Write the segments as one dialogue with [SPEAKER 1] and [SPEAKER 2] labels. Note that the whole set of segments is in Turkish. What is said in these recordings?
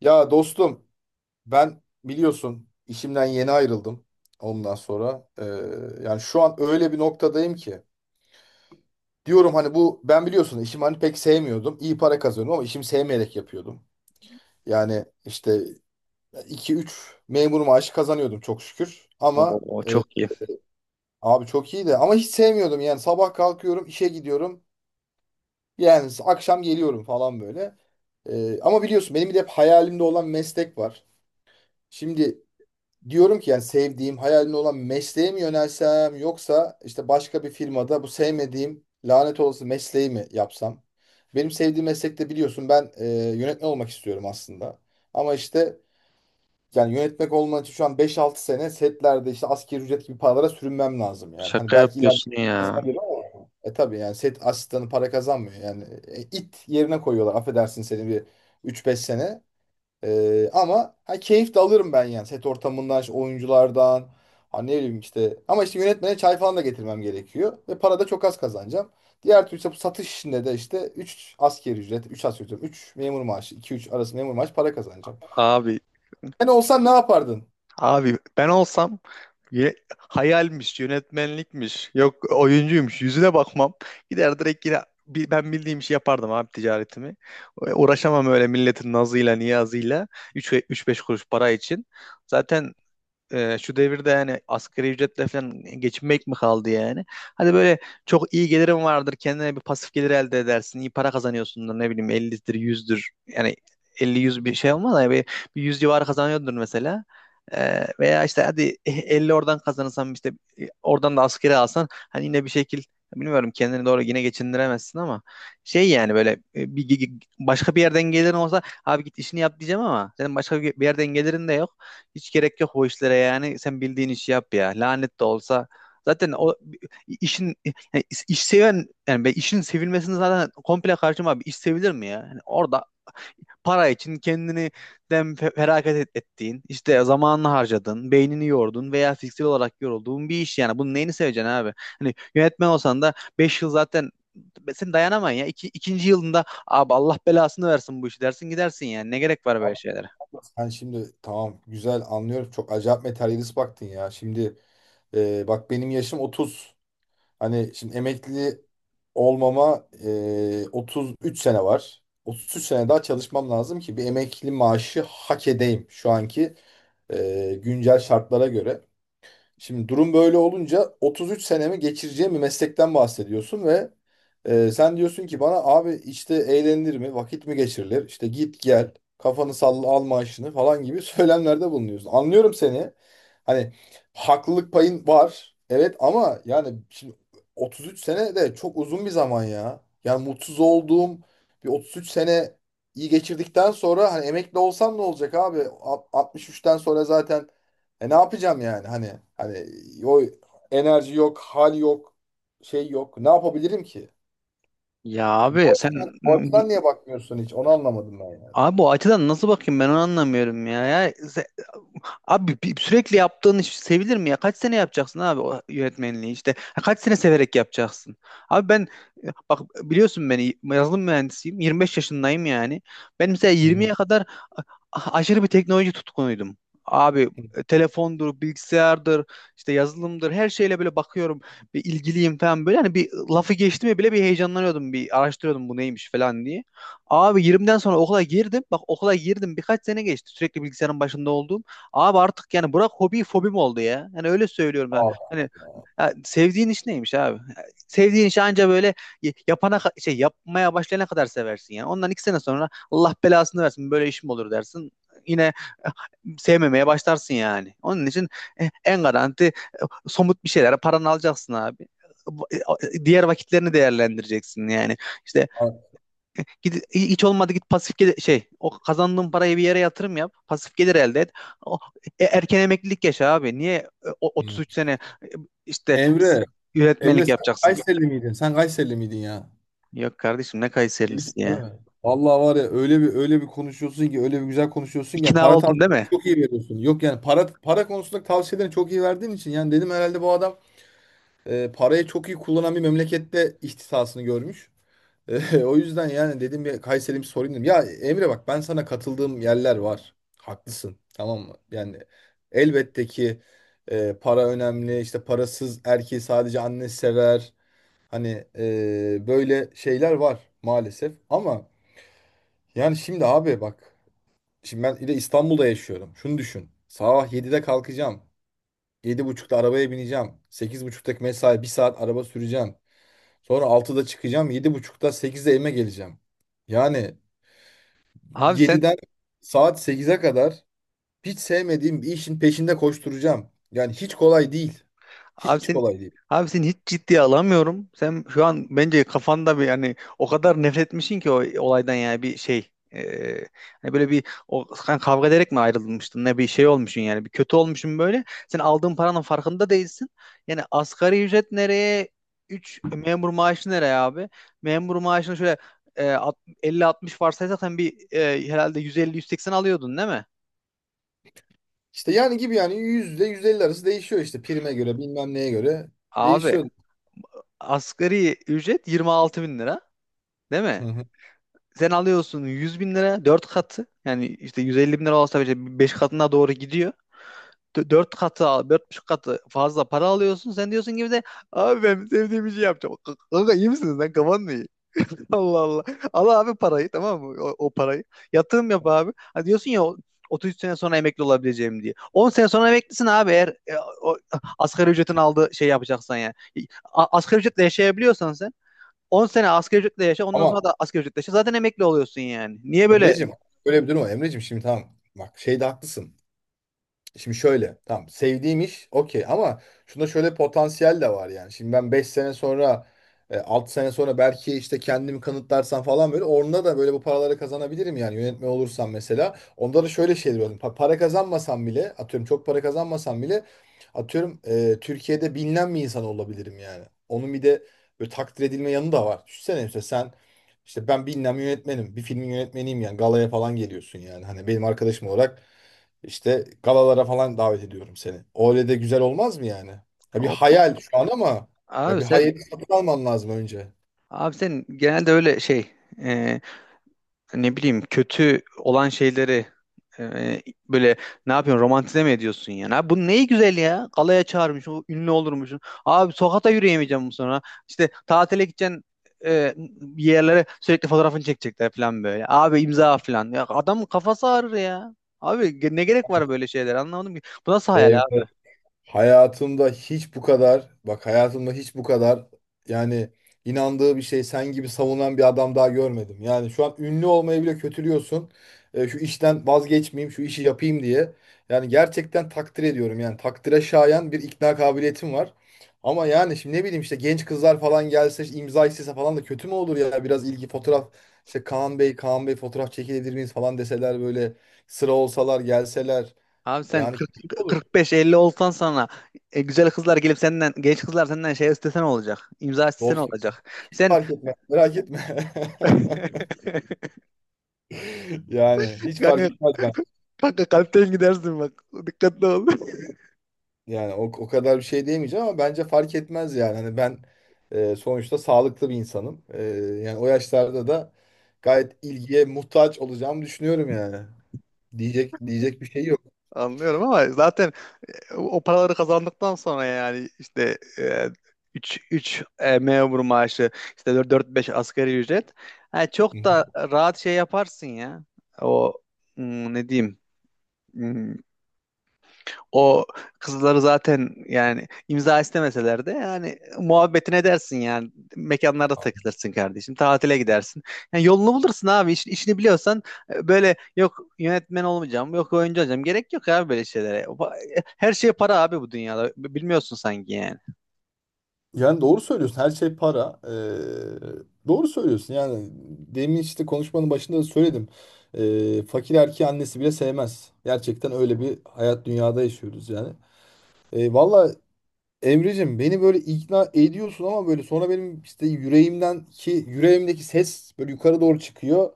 [SPEAKER 1] Ya dostum ben biliyorsun işimden yeni ayrıldım ondan sonra. Yani şu an öyle bir noktadayım ki. Diyorum hani bu ben biliyorsun işimi hani pek sevmiyordum. İyi para kazanıyordum ama işimi sevmeyerek yapıyordum. Yani işte iki üç memur maaşı kazanıyordum çok şükür. Ama
[SPEAKER 2] Oo, çok iyi.
[SPEAKER 1] abi çok iyi de ama hiç sevmiyordum yani sabah kalkıyorum işe gidiyorum. Yani akşam geliyorum falan böyle. Ama biliyorsun benim bir de hep hayalimde olan meslek var. Şimdi diyorum ki yani sevdiğim, hayalimde olan mesleğe mi yönelsem yoksa işte başka bir firmada bu sevmediğim lanet olası mesleği mi yapsam? Benim sevdiğim meslekte biliyorsun ben yönetmen olmak istiyorum aslında. Ama işte yani yönetmek olman için şu an beş altı sene setlerde işte asgari ücret gibi paralara sürünmem lazım yani. Hani
[SPEAKER 2] Şaka
[SPEAKER 1] belki ileride
[SPEAKER 2] yapıyorsun ya.
[SPEAKER 1] kazanabilir ama tabii yani set asistanı para kazanmıyor. Yani it yerine koyuyorlar affedersin seni bir üç beş sene. Ama ha, keyif de alırım ben yani set ortamından, işte oyunculardan. Ha, ne bileyim işte. Ama işte yönetmene çay falan da getirmem gerekiyor. Ve para da çok az kazanacağım. Diğer türlü işte bu satış işinde de işte üç asgari ücret, 3 asgari ücret, 3 memur maaşı, iki üç arası memur maaşı para kazanacağım.
[SPEAKER 2] Abi,
[SPEAKER 1] Sen olsan ne yapardın?
[SPEAKER 2] abi, ben olsam hayalmiş, yönetmenlikmiş, yok oyuncuymuş yüzüne bakmam. Gider direkt yine ben bildiğim işi yapardım abi ticaretimi. Uğraşamam öyle milletin nazıyla niyazıyla üç beş kuruş para için. Zaten şu devirde yani asgari ücretle falan geçinmek mi kaldı yani? Hadi böyle çok iyi gelirim vardır. Kendine bir pasif gelir elde edersin. İyi para kazanıyorsundur ne bileyim 50'dir 100'dür. Yani 50-100 bir şey olmaz da yani bir 100 civarı kazanıyordur mesela. Veya işte hadi 50 oradan kazanırsan işte oradan da asgari alsan hani yine bir şekil bilmiyorum kendini doğru yine geçindiremezsin ama şey yani böyle e, bir, bir- başka bir yerden gelirin olsa abi git işini yap diyeceğim ama senin başka bir yerden gelirin de yok. Hiç gerek yok o işlere yani. Sen bildiğin işi yap ya. Lanet de olsa. Zaten o işin yani iş seven yani ben işin sevilmesini zaten komple karşıma abi. İş sevilir mi ya? Yani orada para için kendini feragat ettiğin, işte zamanını harcadın, beynini yordun veya fiziksel olarak yorulduğun bir iş yani. Bunun neyini seveceksin abi? Hani yönetmen olsan da 5 yıl zaten sen dayanamayın ya. İki, ikinci yılında abi Allah belasını versin bu işi dersin gidersin yani. Ne gerek var böyle
[SPEAKER 1] Allah
[SPEAKER 2] şeylere?
[SPEAKER 1] Allah, sen şimdi tamam güzel anlıyorum. Çok acayip materyalist baktın ya. Şimdi bak benim yaşım 30. Hani şimdi emekli olmama 33 sene var. 33 sene daha çalışmam lazım ki bir emekli maaşı hak edeyim şu anki güncel şartlara göre. Şimdi durum böyle olunca 33 senemi geçireceğim bir meslekten bahsediyorsun ve sen diyorsun ki bana abi işte eğlenilir mi, vakit mi geçirilir, işte git gel, kafanı salla al maaşını falan gibi söylemlerde bulunuyorsun. Anlıyorum seni. Hani haklılık payın var. Evet ama yani şimdi 33 sene de çok uzun bir zaman ya. Yani mutsuz olduğum bir 33 sene iyi geçirdikten sonra hani emekli olsam ne olacak abi? 63'ten sonra zaten ne yapacağım yani hani o enerji yok, hal yok, şey yok. Ne yapabilirim ki?
[SPEAKER 2] Ya abi
[SPEAKER 1] Bu
[SPEAKER 2] Sen
[SPEAKER 1] açıdan, bu açıdan niye bakmıyorsun hiç? Onu anlamadım ben yani.
[SPEAKER 2] Abi o açıdan nasıl bakayım ben onu anlamıyorum ya. Sürekli yaptığın iş sevilir mi ya? Kaç sene yapacaksın abi o yönetmenliği işte? Ha, kaç sene severek yapacaksın? Abi ben bak biliyorsun beni yazılım mühendisiyim. 25 yaşındayım yani. Ben mesela
[SPEAKER 1] Hı
[SPEAKER 2] 20'ye kadar aşırı bir teknoloji tutkunuydum. Abi
[SPEAKER 1] hı.
[SPEAKER 2] telefondur, bilgisayardır, işte yazılımdır her şeyle böyle bakıyorum. Bir ilgiliyim falan böyle. Hani bir lafı geçti mi bile bir heyecanlanıyordum. Bir araştırıyordum bu neymiş falan diye. Abi 20'den sonra okula girdim. Bak okula girdim birkaç sene geçti. Sürekli bilgisayarın başında olduğum. Abi artık yani bırak hobi fobim oldu ya. Yani öyle söylüyorum. Ha.
[SPEAKER 1] Aa,
[SPEAKER 2] Hani ya sevdiğin iş neymiş abi? Sevdiğin işi anca böyle şey yapmaya başlayana kadar seversin yani. Ondan 2 sene sonra Allah belasını versin böyle işim olur dersin. Yine eh, sevmemeye başlarsın yani. Onun için en garanti somut bir şeylere paranı alacaksın abi. Diğer vakitlerini değerlendireceksin yani. İşte
[SPEAKER 1] aa.
[SPEAKER 2] git, hiç olmadı git pasif gelir, şey o kazandığın parayı bir yere yatırım yap. Pasif gelir elde et. O, Erken emeklilik yaşa abi. Niye
[SPEAKER 1] Hı.
[SPEAKER 2] 33 sene işte
[SPEAKER 1] Emre, Emre
[SPEAKER 2] yönetmenlik
[SPEAKER 1] sen
[SPEAKER 2] yapacaksın?
[SPEAKER 1] Kayseri miydin? Sen Kayseri miydin ya?
[SPEAKER 2] Yok kardeşim ne
[SPEAKER 1] Değilsin
[SPEAKER 2] Kayserilisi
[SPEAKER 1] değil
[SPEAKER 2] ya.
[SPEAKER 1] mi? Vallahi var ya öyle bir konuşuyorsun ki öyle bir güzel konuşuyorsun ki yani
[SPEAKER 2] İkna
[SPEAKER 1] para
[SPEAKER 2] oldun değil mi?
[SPEAKER 1] tavsiyeleri çok iyi veriyorsun. Yok yani para konusunda tavsiyelerini çok iyi verdiğin için yani dedim herhalde bu adam parayı çok iyi kullanan bir memlekette ihtisasını görmüş. O yüzden yani dedim bir Kayseri'm sorayım dedim. Ya Emre bak ben sana katıldığım yerler var. Haklısın. Tamam mı? Yani elbette ki para önemli. İşte parasız erkeği sadece anne sever. Hani böyle şeyler var maalesef. Ama yani şimdi abi bak. Şimdi ben bir de İstanbul'da yaşıyorum. Şunu düşün. Sabah 7'de kalkacağım. 7.30'da arabaya bineceğim. 8.30'daki mesai bir saat araba süreceğim. Sonra 6'da çıkacağım. 7.30'da 8'de evime geleceğim. Yani
[SPEAKER 2] Abi sen
[SPEAKER 1] 7'den saat 8'e kadar hiç sevmediğim bir işin peşinde koşturacağım. Yani hiç kolay değil.
[SPEAKER 2] Abi
[SPEAKER 1] Hiç
[SPEAKER 2] sen
[SPEAKER 1] kolay değil.
[SPEAKER 2] abi seni hiç ciddiye alamıyorum. Sen şu an bence kafanda bir yani o kadar nefret etmişsin ki o olaydan yani bir şey. Hani böyle bir o sen kavga ederek mi ayrılmıştın ne bir şey olmuşsun yani bir kötü olmuşsun böyle. Sen aldığın paranın farkında değilsin. Yani asgari ücret nereye 3 memur maaşı nereye abi? Memur maaşını şöyle e, alt- 50-60 varsaysak sen bir herhalde 150 180 alıyordun değil mi?
[SPEAKER 1] İşte yani gibi yani %150 arası değişiyor işte prime göre bilmem neye göre
[SPEAKER 2] Abi
[SPEAKER 1] değişiyor.
[SPEAKER 2] asgari ücret 26.000 lira değil
[SPEAKER 1] Hı
[SPEAKER 2] mi?
[SPEAKER 1] hı.
[SPEAKER 2] Sen alıyorsun 100 bin lira 4 katı yani işte 150 bin lira olsa bile 5 katına doğru gidiyor. 4 katı al, 4,5 katı fazla para alıyorsun. Sen diyorsun gibi de abi ben sevdiğim işi yapacağım. Kanka iyi misiniz lan kafan mı iyi? Allah Allah. Al abi parayı tamam mı? O parayı. Yatırım yap abi. Ha diyorsun ya 30 sene sonra emekli olabileceğim diye. 10 sene sonra emeklisin abi eğer o, asgari ücretin aldığı şey yapacaksan yani. Asgari ücretle yaşayabiliyorsan sen 10 sene asgari ücretle yaşa ondan
[SPEAKER 1] Ama
[SPEAKER 2] sonra da asgari ücretle yaşa zaten emekli oluyorsun yani. Niye böyle?
[SPEAKER 1] Emre'cim öyle bir durum var. Emre'cim şimdi tamam bak şeyde haklısın. Şimdi şöyle tamam sevdiğim iş okey ama şunda şöyle potansiyel de var yani. Şimdi ben 5 sene sonra 6 sene sonra belki işte kendimi kanıtlarsam falan böyle orada da böyle bu paraları kazanabilirim yani yönetmen olursam mesela. Onda da şöyle şeyler var. Para kazanmasam bile atıyorum çok para kazanmasam bile atıyorum Türkiye'de bilinen bir insan olabilirim yani. Onun bir de böyle takdir edilme yanı da var. Düşünsene işte sen işte ben bilinen bir yönetmenim bir filmin yönetmeniyim yani galaya falan geliyorsun yani. Hani benim arkadaşım olarak işte galalara falan davet ediyorum seni. Öyle de güzel olmaz mı yani? Ya bir
[SPEAKER 2] Ol-
[SPEAKER 1] hayal şu an ama ya
[SPEAKER 2] abi
[SPEAKER 1] bir
[SPEAKER 2] sen
[SPEAKER 1] hayali satın alman lazım önce.
[SPEAKER 2] abi sen genelde öyle şey e, ne bileyim kötü olan şeyleri e, böyle ne yapıyorsun romantize mi ediyorsun yani? Abi bu neyi güzel ya? Galaya çağırmış, o ünlü olurmuş. Abi sokakta yürüyemeyeceğim bu sonra. İşte tatile gideceksin bir yerlere sürekli fotoğrafını çekecekler falan böyle. Abi imza falan. Ya adamın kafası ağrır ya. Abi, ne gerek var böyle şeyler anlamadım ki. Bu nasıl hayal
[SPEAKER 1] Evet.
[SPEAKER 2] abi?
[SPEAKER 1] Hayatımda hiç bu kadar, bak hayatımda hiç bu kadar yani inandığı bir şey sen gibi savunan bir adam daha görmedim. Yani şu an ünlü olmayı bile kötülüyorsun. Şu işten vazgeçmeyeyim, şu işi yapayım diye. Yani gerçekten takdir ediyorum. Yani takdire şayan bir ikna kabiliyetim var. Ama yani şimdi ne bileyim işte genç kızlar falan gelse işte imza istese falan da kötü mü olur ya? Biraz ilgi fotoğraf işte Kaan Bey, Kaan Bey fotoğraf çekilebilir miyiz falan deseler böyle sıra olsalar gelseler.
[SPEAKER 2] Abi sen
[SPEAKER 1] Yani kötü mü
[SPEAKER 2] 45-50 olsan sana güzel kızlar gelip senden genç kızlar senden şey istesen olacak. İmza istesen
[SPEAKER 1] olur.
[SPEAKER 2] olacak. Sen
[SPEAKER 1] Fark etme. Merak etme. Yani hiç fark
[SPEAKER 2] kanka,
[SPEAKER 1] etmez ben.
[SPEAKER 2] kanka, kalpten gidersin bak. Dikkatli ol.
[SPEAKER 1] Yani o kadar bir şey diyemeyeceğim ama bence fark etmez yani. Hani ben sonuçta sağlıklı bir insanım. Yani o yaşlarda da gayet ilgiye muhtaç olacağımı düşünüyorum yani. Diyecek bir şey yok.
[SPEAKER 2] Anlıyorum ama zaten o paraları kazandıktan sonra yani işte 3 3 memur maaşı işte 4-5 asgari ücret. Ha, çok da rahat şey yaparsın ya. O Ne diyeyim? Hmm, O kızları zaten yani imza istemeseler de yani muhabbetine edersin yani mekanlarda takılırsın kardeşim tatile gidersin. Yani yolunu bulursun abi işini biliyorsan böyle yok yönetmen olmayacağım yok oyuncu olacağım gerek yok abi böyle şeylere. Her şey para abi bu dünyada bilmiyorsun sanki yani.
[SPEAKER 1] Yani doğru söylüyorsun. Her şey para. Doğru söylüyorsun. Yani demin işte konuşmanın başında da söyledim. Fakir erkeği annesi bile sevmez. Gerçekten öyle bir hayat dünyada yaşıyoruz yani. Vallahi valla Emre'cim beni böyle ikna ediyorsun ama böyle sonra benim işte yüreğimden ki yüreğimdeki ses böyle yukarı doğru çıkıyor.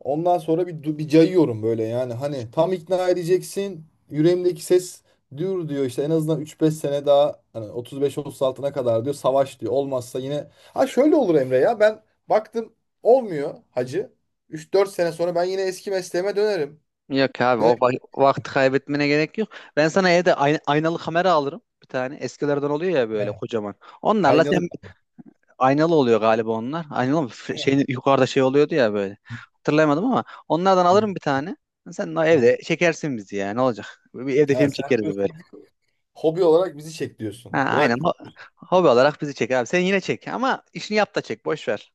[SPEAKER 1] Ondan sonra bir cayıyorum böyle yani hani tam ikna edeceksin. Yüreğimdeki ses dur diyor işte en azından üç beş sene daha hani 35-36'na kadar diyor savaş diyor. Olmazsa yine ha şöyle olur Emre ya ben baktım olmuyor hacı. Üç dört sene sonra ben yine eski mesleğime dönerim.
[SPEAKER 2] Yok abi o
[SPEAKER 1] Dönerim
[SPEAKER 2] vakti kaybetmene gerek yok. Ben sana evde aynalı kamera alırım bir tane. Eskilerden oluyor ya böyle
[SPEAKER 1] yani.
[SPEAKER 2] kocaman. Onlarla
[SPEAKER 1] Aynalık.
[SPEAKER 2] sen Aynalı oluyor galiba onlar. Aynalı mı? Şeyin, yukarıda şey oluyordu ya böyle. Hatırlayamadım ama onlardan alırım bir tane. Sen de evde çekersin bizi ya. Ne olacak? Bir evde
[SPEAKER 1] Ha
[SPEAKER 2] film
[SPEAKER 1] sen
[SPEAKER 2] çekeriz böyle.
[SPEAKER 1] diyorsun, hobi olarak bizi çek diyorsun.
[SPEAKER 2] Ha, aynen.
[SPEAKER 1] Bırak.
[SPEAKER 2] Hobi olarak bizi çek abi. Sen yine çek ama işini yap da çek. Boş ver.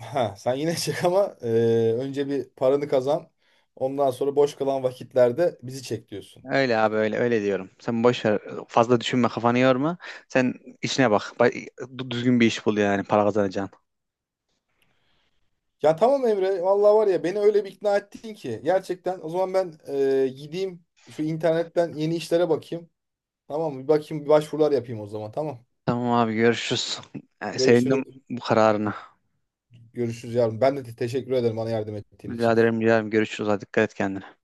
[SPEAKER 1] Ha, sen yine çek ama önce bir paranı kazan. Ondan sonra boş kalan vakitlerde bizi çek diyorsun.
[SPEAKER 2] Öyle abi öyle öyle diyorum. Sen boş ver. Fazla düşünme kafanı yorma. Sen işine bak. Düzgün bir iş bul yani para kazanacağın.
[SPEAKER 1] Ya tamam Emre, vallahi var ya beni öyle bir ikna ettin ki. Gerçekten o zaman ben gideyim şu internetten yeni işlere bakayım. Tamam mı? Bir bakayım bir başvurular yapayım o zaman tamam.
[SPEAKER 2] Tamam abi görüşürüz. Yani sevindim
[SPEAKER 1] Görüşürüz.
[SPEAKER 2] bu kararına.
[SPEAKER 1] Görüşürüz yarın. Ben de teşekkür ederim bana yardım ettiğin
[SPEAKER 2] Rica
[SPEAKER 1] için.
[SPEAKER 2] ederim, rica ederim. Görüşürüz. Hadi dikkat et kendine.